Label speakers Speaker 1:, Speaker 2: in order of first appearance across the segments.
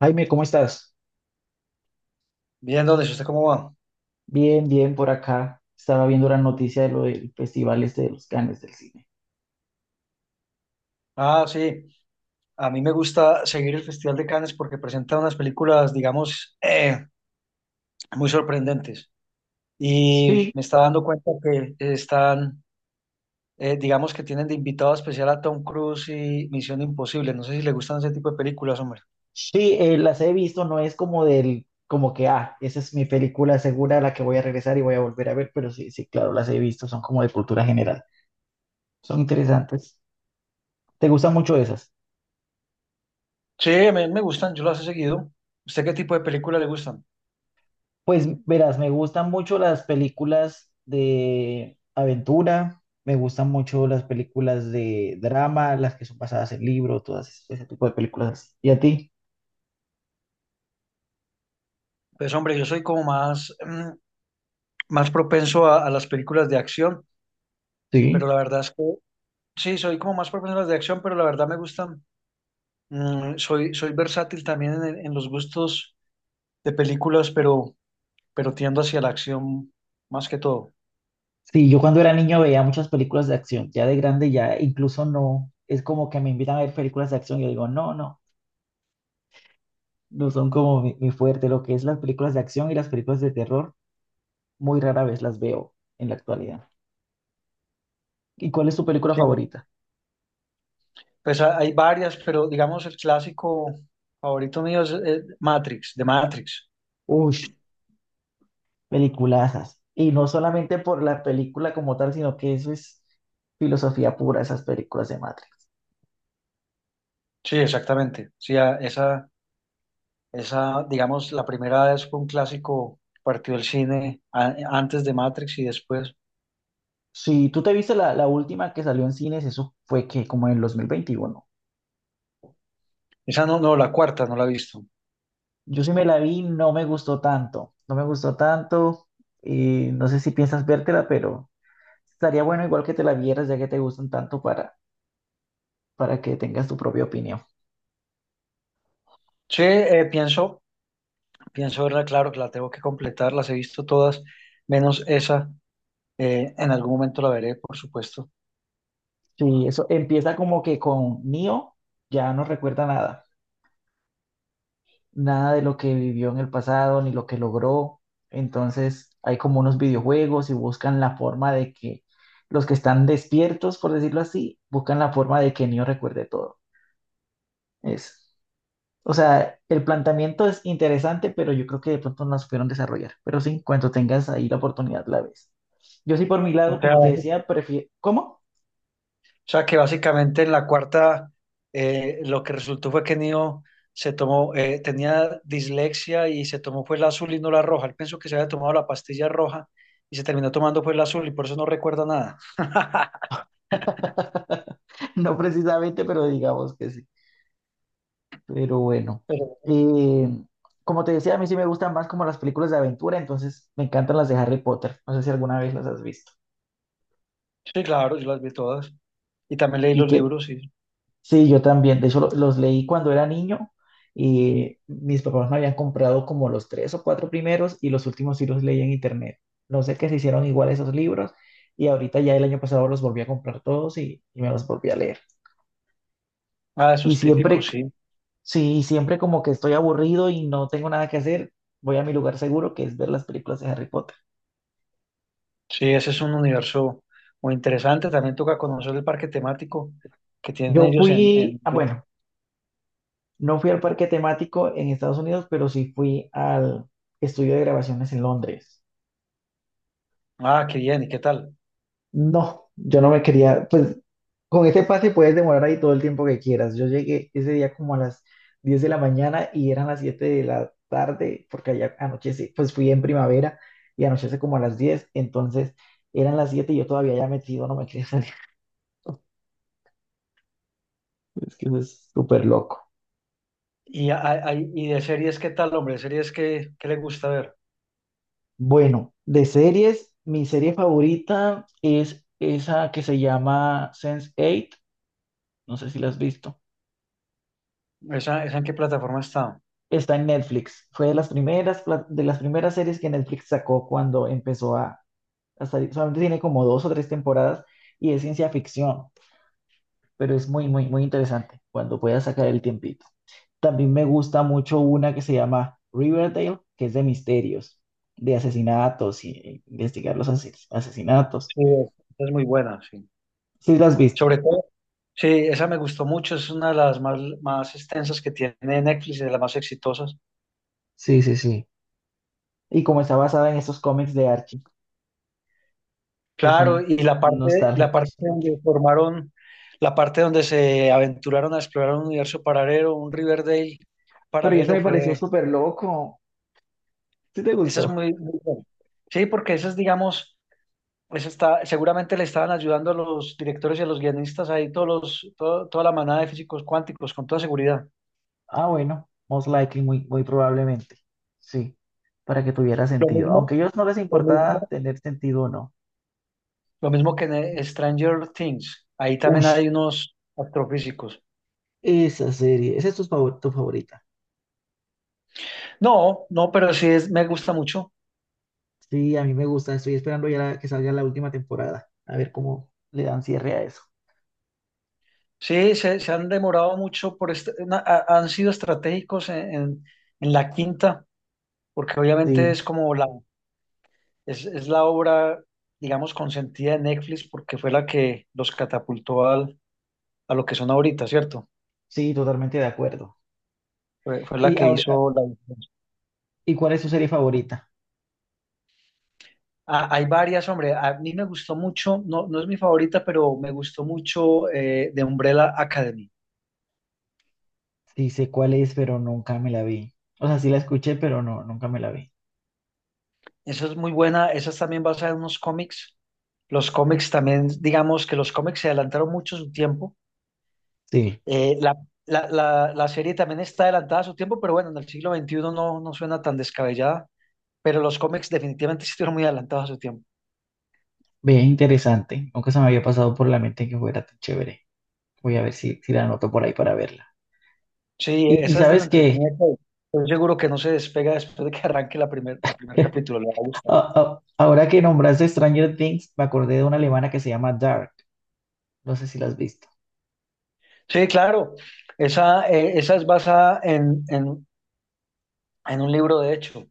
Speaker 1: Jaime, ¿cómo estás?
Speaker 2: Bien, ¿dónde? ¿Usted cómo va?
Speaker 1: Bien, bien por acá. Estaba viendo la noticia de lo del festival este de los Cannes del cine.
Speaker 2: Ah, sí. A mí me gusta seguir el Festival de Cannes porque presenta unas películas, digamos, muy sorprendentes. Y
Speaker 1: Sí,
Speaker 2: me está dando cuenta que están, digamos, que tienen de invitado especial a Tom Cruise y Misión Imposible. No sé si le gustan ese tipo de películas, hombre.
Speaker 1: sí, las he visto, no es como del, como que, esa es mi película segura a la que voy a regresar y voy a volver a ver, pero sí, sí, claro, las he visto, son como de cultura general. Son interesantes. ¿Te gustan mucho esas?
Speaker 2: Sí, a mí me gustan, yo las he seguido. ¿Usted qué tipo de películas le gustan?
Speaker 1: Pues verás, me gustan mucho las películas de aventura, me gustan mucho las películas de drama, las que son basadas en libros, todas ese tipo de películas. Así. ¿Y a ti?
Speaker 2: Pues, hombre, yo soy como más, más propenso a las películas de acción, pero
Speaker 1: Sí,
Speaker 2: la verdad es que sí, soy como más propenso a las de acción, pero la verdad me gustan. Soy, soy versátil también en, en los gustos de películas, pero tiendo hacia la acción más que todo.
Speaker 1: sí, yo cuando era niño veía muchas películas de acción, ya de grande ya incluso no, es como que me invitan a ver películas de acción y yo digo, no, no, no son como mi fuerte, lo que es las películas de acción y las películas de terror, muy rara vez las veo en la actualidad. ¿Y cuál es tu película
Speaker 2: Sí,
Speaker 1: favorita?
Speaker 2: pues hay varias, pero digamos el clásico favorito mío es Matrix, de Matrix.
Speaker 1: Uy, peliculazas. Y no solamente por la película como tal, sino que eso es filosofía pura, esas películas de Matrix.
Speaker 2: Sí, exactamente. Sí, esa, digamos, la primera vez fue un clásico, partió el cine antes de Matrix y después.
Speaker 1: Sí, tú te viste la última que salió en cines, eso fue que como en el 2021.
Speaker 2: Esa no, no, la cuarta no la he visto.
Speaker 1: Yo sí me la vi, no me gustó tanto, no me gustó tanto. No sé si piensas vértela, pero estaría bueno igual que te la vieras, ya que te gustan tanto para que tengas tu propia opinión.
Speaker 2: Sí, pienso verla, claro que la tengo que completar, las he visto todas, menos esa. En algún momento la veré, por supuesto.
Speaker 1: Sí, eso empieza como que con Neo ya no recuerda nada, nada de lo que vivió en el pasado ni lo que logró. Entonces hay como unos videojuegos y buscan la forma de que los que están despiertos, por decirlo así, buscan la forma de que Neo recuerde todo. Eso. O sea, el planteamiento es interesante, pero yo creo que de pronto no la supieron desarrollar. Pero sí, cuando tengas ahí la oportunidad, la ves. Yo sí, por mi
Speaker 2: O
Speaker 1: lado,
Speaker 2: sea,
Speaker 1: como te
Speaker 2: o
Speaker 1: decía, prefiero... ¿Cómo?
Speaker 2: sea que básicamente en la cuarta lo que resultó fue que Neo se tomó, tenía dislexia y se tomó pues la azul y no la roja. Él pensó que se había tomado la pastilla roja y se terminó tomando pues la azul y por eso no recuerda nada.
Speaker 1: No precisamente, pero digamos que sí. Pero bueno,
Speaker 2: Pero
Speaker 1: eh, como te decía, a mí sí me gustan más como las películas de aventura, entonces me encantan las de Harry Potter. No sé si alguna vez las has visto.
Speaker 2: sí, claro, yo las vi todas. Y también leí
Speaker 1: ¿Y
Speaker 2: los
Speaker 1: qué?
Speaker 2: libros y
Speaker 1: Sí, yo también. De hecho, los leí cuando era niño y mis papás me habían comprado como los tres o cuatro primeros y los últimos sí los leí en internet. No sé qué se hicieron igual esos libros y ahorita ya el año pasado los volví a comprar todos y me los volví a leer.
Speaker 2: ah, eso
Speaker 1: Y
Speaker 2: es típico,
Speaker 1: siempre, que-
Speaker 2: sí.
Speaker 1: sí, siempre como que estoy aburrido y no tengo nada que hacer, voy a mi lugar seguro que es ver las películas de Harry Potter.
Speaker 2: Sí, ese es un universo muy interesante. También toca conocer el parque temático que tienen
Speaker 1: Yo
Speaker 2: ellos en,
Speaker 1: fui,
Speaker 2: en...
Speaker 1: bueno, no fui al parque temático en Estados Unidos, pero sí fui al estudio de grabaciones en Londres.
Speaker 2: Ah, qué bien, ¿y qué tal?
Speaker 1: No, yo no me quería, pues con ese pase puedes demorar ahí todo el tiempo que quieras. Yo llegué ese día como a las 10 de la mañana y eran las 7 de la tarde, porque allá anochece, pues fui en primavera y anochece como a las 10, entonces eran las 7 y yo todavía ya metido, no me quería salir. Es que eso es súper loco.
Speaker 2: Y, y de series, ¿qué tal, hombre? ¿Series qué le gusta ver?
Speaker 1: Bueno, de series, mi serie favorita es esa que se llama sense Eight. No sé si la has visto.
Speaker 2: Esa en qué plataforma está?
Speaker 1: Está en Netflix. Fue de las primeras, de las primeras series que Netflix sacó cuando empezó a salir. Solamente tiene como dos o tres temporadas y es ciencia ficción, pero es muy, muy, muy interesante cuando puedas sacar el tiempito. También me gusta mucho una que se llama Riverdale, que es de misterios, de asesinatos y e investigar los asesinatos.
Speaker 2: Sí, es muy buena, sí.
Speaker 1: Sí, la has visto.
Speaker 2: Sobre todo, sí, esa me gustó mucho, es una de más extensas que tiene Netflix, de las más exitosas.
Speaker 1: Sí, sí, sí. Y como está basada en esos cómics de Archie, que
Speaker 2: Claro,
Speaker 1: son
Speaker 2: y la parte
Speaker 1: nostálgicos.
Speaker 2: donde formaron, la parte donde se aventuraron a explorar un universo paralelo, un Riverdale
Speaker 1: Pero ya se
Speaker 2: paralelo,
Speaker 1: me pareció
Speaker 2: fue,
Speaker 1: súper loco. ¿Sí te
Speaker 2: esa es
Speaker 1: gustó?
Speaker 2: muy, muy buena. Sí, porque esa es, digamos, eso está, seguramente le estaban ayudando a los directores y a los guionistas ahí, toda la manada de físicos cuánticos, con toda seguridad.
Speaker 1: Ah, bueno, most likely, muy, muy probablemente. Sí, para que tuviera
Speaker 2: Lo
Speaker 1: sentido. Aunque
Speaker 2: mismo,
Speaker 1: a ellos no les
Speaker 2: lo
Speaker 1: importaba
Speaker 2: mismo,
Speaker 1: tener sentido o no.
Speaker 2: lo mismo que en Stranger Things. Ahí
Speaker 1: Uy,
Speaker 2: también hay unos astrofísicos.
Speaker 1: esa serie, esa es tu, tu favorita.
Speaker 2: No, no, pero sí es, me gusta mucho.
Speaker 1: Sí, a mí me gusta, estoy esperando ya que salga la última temporada, a ver cómo le dan cierre a eso.
Speaker 2: Sí, se han demorado mucho por han sido estratégicos en la quinta, porque obviamente
Speaker 1: Sí,
Speaker 2: es como es la obra, digamos, consentida de Netflix, porque fue la que los catapultó al a lo que son ahorita, ¿cierto?
Speaker 1: sí, totalmente de acuerdo.
Speaker 2: Fue la
Speaker 1: ¿Y,
Speaker 2: que
Speaker 1: ahora,
Speaker 2: hizo la diferencia.
Speaker 1: y cuál es tu serie favorita?
Speaker 2: Ah, hay varias, hombre. A mí me gustó mucho, no, no es mi favorita, pero me gustó mucho de Umbrella Academy.
Speaker 1: Sí, sé cuál es, pero nunca me la vi. O sea, sí la escuché, pero no, nunca me la vi.
Speaker 2: Esa es muy buena, esa es también basada en unos cómics. Los cómics también, digamos que los cómics se adelantaron mucho su tiempo.
Speaker 1: Sí,
Speaker 2: Eh, la, la serie también está adelantada a su tiempo, pero bueno, en el siglo veintiuno no, no suena tan descabellada, pero los cómics definitivamente sí estuvieron muy adelantados a su tiempo.
Speaker 1: ve, interesante. Nunca se me había pasado por la mente que fuera tan chévere. Voy a ver si, la anoto por ahí para verla.
Speaker 2: Sí,
Speaker 1: Y
Speaker 2: esa es de la
Speaker 1: sabes que
Speaker 2: entretenida que estoy seguro que no se despega después de que arranque el primer capítulo, le va a gustar.
Speaker 1: ahora que nombraste Stranger Things, me acordé de una alemana que se llama Dark. No sé si la has visto.
Speaker 2: Sí, claro, esa es basada en un libro, de hecho.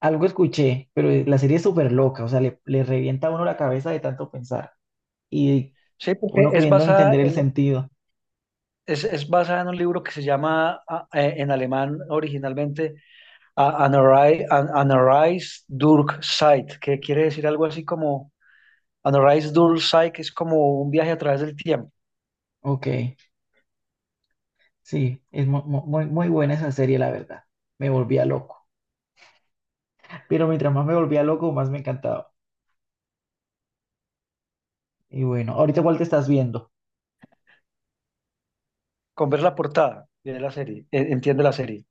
Speaker 1: Algo escuché, pero la serie es súper loca, o sea, le revienta a uno la cabeza de tanto pensar y
Speaker 2: Sí, porque
Speaker 1: uno
Speaker 2: es
Speaker 1: queriendo
Speaker 2: basada
Speaker 1: entender el
Speaker 2: en,
Speaker 1: sentido.
Speaker 2: es basada en un libro que se llama en alemán originalmente Anarreis durch Zeit, que quiere decir algo así como Anarreis durch Zeit, que es como un viaje a través del tiempo.
Speaker 1: Ok, sí, es muy, muy buena esa serie, la verdad. Me volvía loco. Pero mientras más me volvía loco, más me encantaba. Y bueno, ahorita cuál te estás viendo.
Speaker 2: Con ver la portada, de la serie, entiende la serie.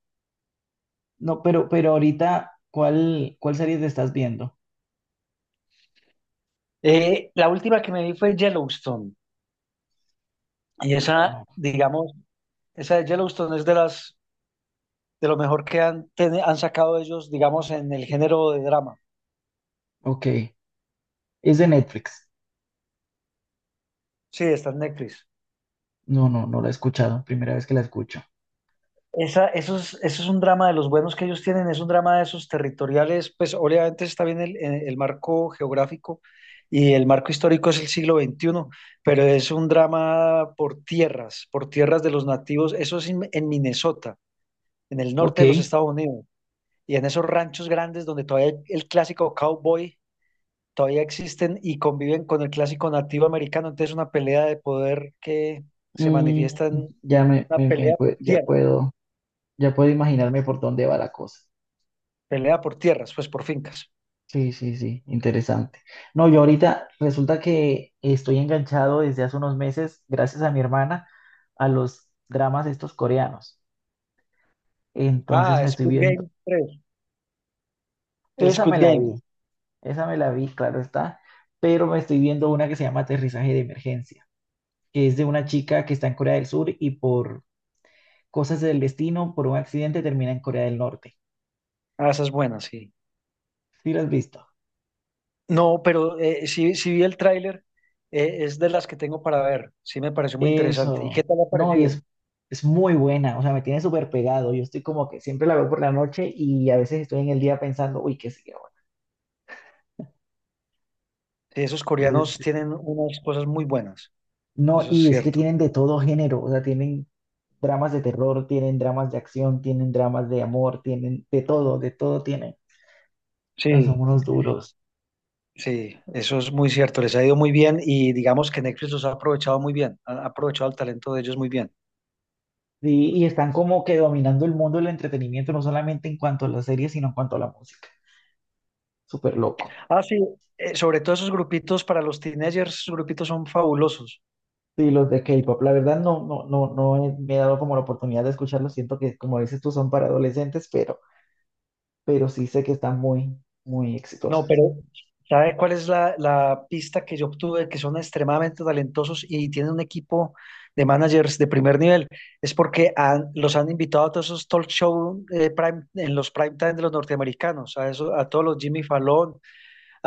Speaker 1: No, pero ahorita, ¿cuál serie te estás viendo?
Speaker 2: La última que me vi fue Yellowstone. Y
Speaker 1: No,
Speaker 2: esa,
Speaker 1: no.
Speaker 2: digamos, esa de Yellowstone es de las, de lo mejor que han sacado ellos, digamos, en el género de drama.
Speaker 1: Ok, es de Netflix.
Speaker 2: Sí, está en Netflix.
Speaker 1: No, no, no la he escuchado. Primera vez que la escucho.
Speaker 2: Eso es un drama de los buenos que ellos tienen, es un drama de esos territoriales, pues obviamente está bien marco geográfico y el marco histórico es el siglo XXI, pero es un drama por tierras de los nativos, eso es en Minnesota, en el norte de los
Speaker 1: Ok,
Speaker 2: Estados Unidos. Y en esos ranchos grandes donde todavía el clásico cowboy todavía existen y conviven con el clásico nativo americano. Entonces, una pelea de poder que se
Speaker 1: mm,
Speaker 2: manifiesta en
Speaker 1: ya me,
Speaker 2: una pelea por tierra,
Speaker 1: ya puedo imaginarme por dónde va la cosa.
Speaker 2: pelea por tierras, pues por fincas.
Speaker 1: Sí, sí, sí, interesante. No, yo ahorita resulta que estoy enganchado desde hace unos meses, gracias a mi hermana, a los dramas estos coreanos. Entonces
Speaker 2: Ah,
Speaker 1: me estoy
Speaker 2: Squid
Speaker 1: viendo,
Speaker 2: Game 3, el
Speaker 1: esa me
Speaker 2: Squid
Speaker 1: la
Speaker 2: Game.
Speaker 1: vi, esa me la vi, claro está, pero me estoy viendo una que se llama Aterrizaje de Emergencia, que es de una chica que está en Corea del Sur y por cosas del destino por un accidente termina en Corea del Norte.
Speaker 2: Ah, esa es buena, sí.
Speaker 1: ¿Sí lo has visto?
Speaker 2: No, pero sí vi el tráiler, es de las que tengo para ver. Sí me pareció muy interesante. ¿Y qué
Speaker 1: Eso.
Speaker 2: tal ha
Speaker 1: No, y
Speaker 2: parecido?
Speaker 1: es muy buena. O sea, me tiene súper pegado. Yo estoy como que siempre la veo por la noche y a veces estoy en el día pensando, uy, ¿qué sigue ahora?
Speaker 2: Sí, esos coreanos
Speaker 1: Entonces,
Speaker 2: tienen unas cosas muy buenas,
Speaker 1: no,
Speaker 2: eso es
Speaker 1: y es que
Speaker 2: cierto.
Speaker 1: tienen de todo género. O sea, tienen dramas de terror, tienen dramas de acción, tienen dramas de amor, tienen de todo tienen. O sea, son
Speaker 2: Sí,
Speaker 1: unos duros.
Speaker 2: sí, eso es muy cierto, les ha ido muy bien y digamos que Netflix los ha aprovechado muy bien, ha aprovechado el talento de ellos muy bien.
Speaker 1: Sí, y están como que dominando el mundo del entretenimiento, no solamente en cuanto a las series, sino en cuanto a la música. Súper loco.
Speaker 2: Ah, sí, sobre todo esos grupitos para los teenagers, esos grupitos son fabulosos.
Speaker 1: Sí, los de K-pop, la verdad no, no, no, me he dado como la oportunidad de escucharlos. Siento que, como dices tú, son para adolescentes, pero sí sé que están muy, muy
Speaker 2: No,
Speaker 1: exitosas.
Speaker 2: pero ¿sabe cuál es la pista que yo obtuve? Que son extremadamente talentosos y tienen un equipo de managers de primer nivel. Es porque los han invitado a todos esos talk show en los prime time de los norteamericanos, a todos los Jimmy Fallon,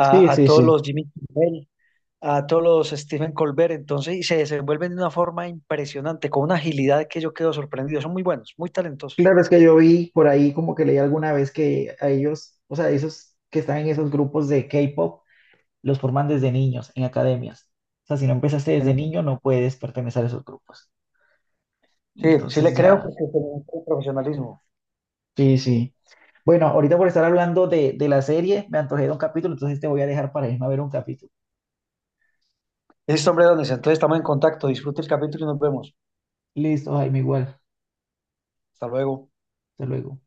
Speaker 1: Sí,
Speaker 2: a
Speaker 1: sí,
Speaker 2: todos
Speaker 1: sí.
Speaker 2: los Jimmy Kimmel, a todos los Stephen Colbert, entonces, y se desenvuelven de una forma impresionante, con una agilidad que yo quedo sorprendido. Son muy buenos, muy talentosos.
Speaker 1: Claro, es que yo vi por ahí como que leí alguna vez que a ellos, o sea, esos que están en esos grupos de K-pop, los forman desde niños, en academias. O sea, si no empezaste desde niño, no puedes pertenecer a esos grupos.
Speaker 2: Sí, sí le
Speaker 1: Entonces
Speaker 2: creo
Speaker 1: ya.
Speaker 2: porque se mucho profesionalismo.
Speaker 1: Sí, sí. Bueno, ahorita por estar hablando de la serie, me antojé de un capítulo, entonces te voy a dejar para irme a ver un capítulo.
Speaker 2: Listo, hombre, Donis, entonces estamos en contacto. Disfrute el capítulo y nos vemos.
Speaker 1: Listo, Jaime, igual.
Speaker 2: Hasta luego.
Speaker 1: Hasta luego.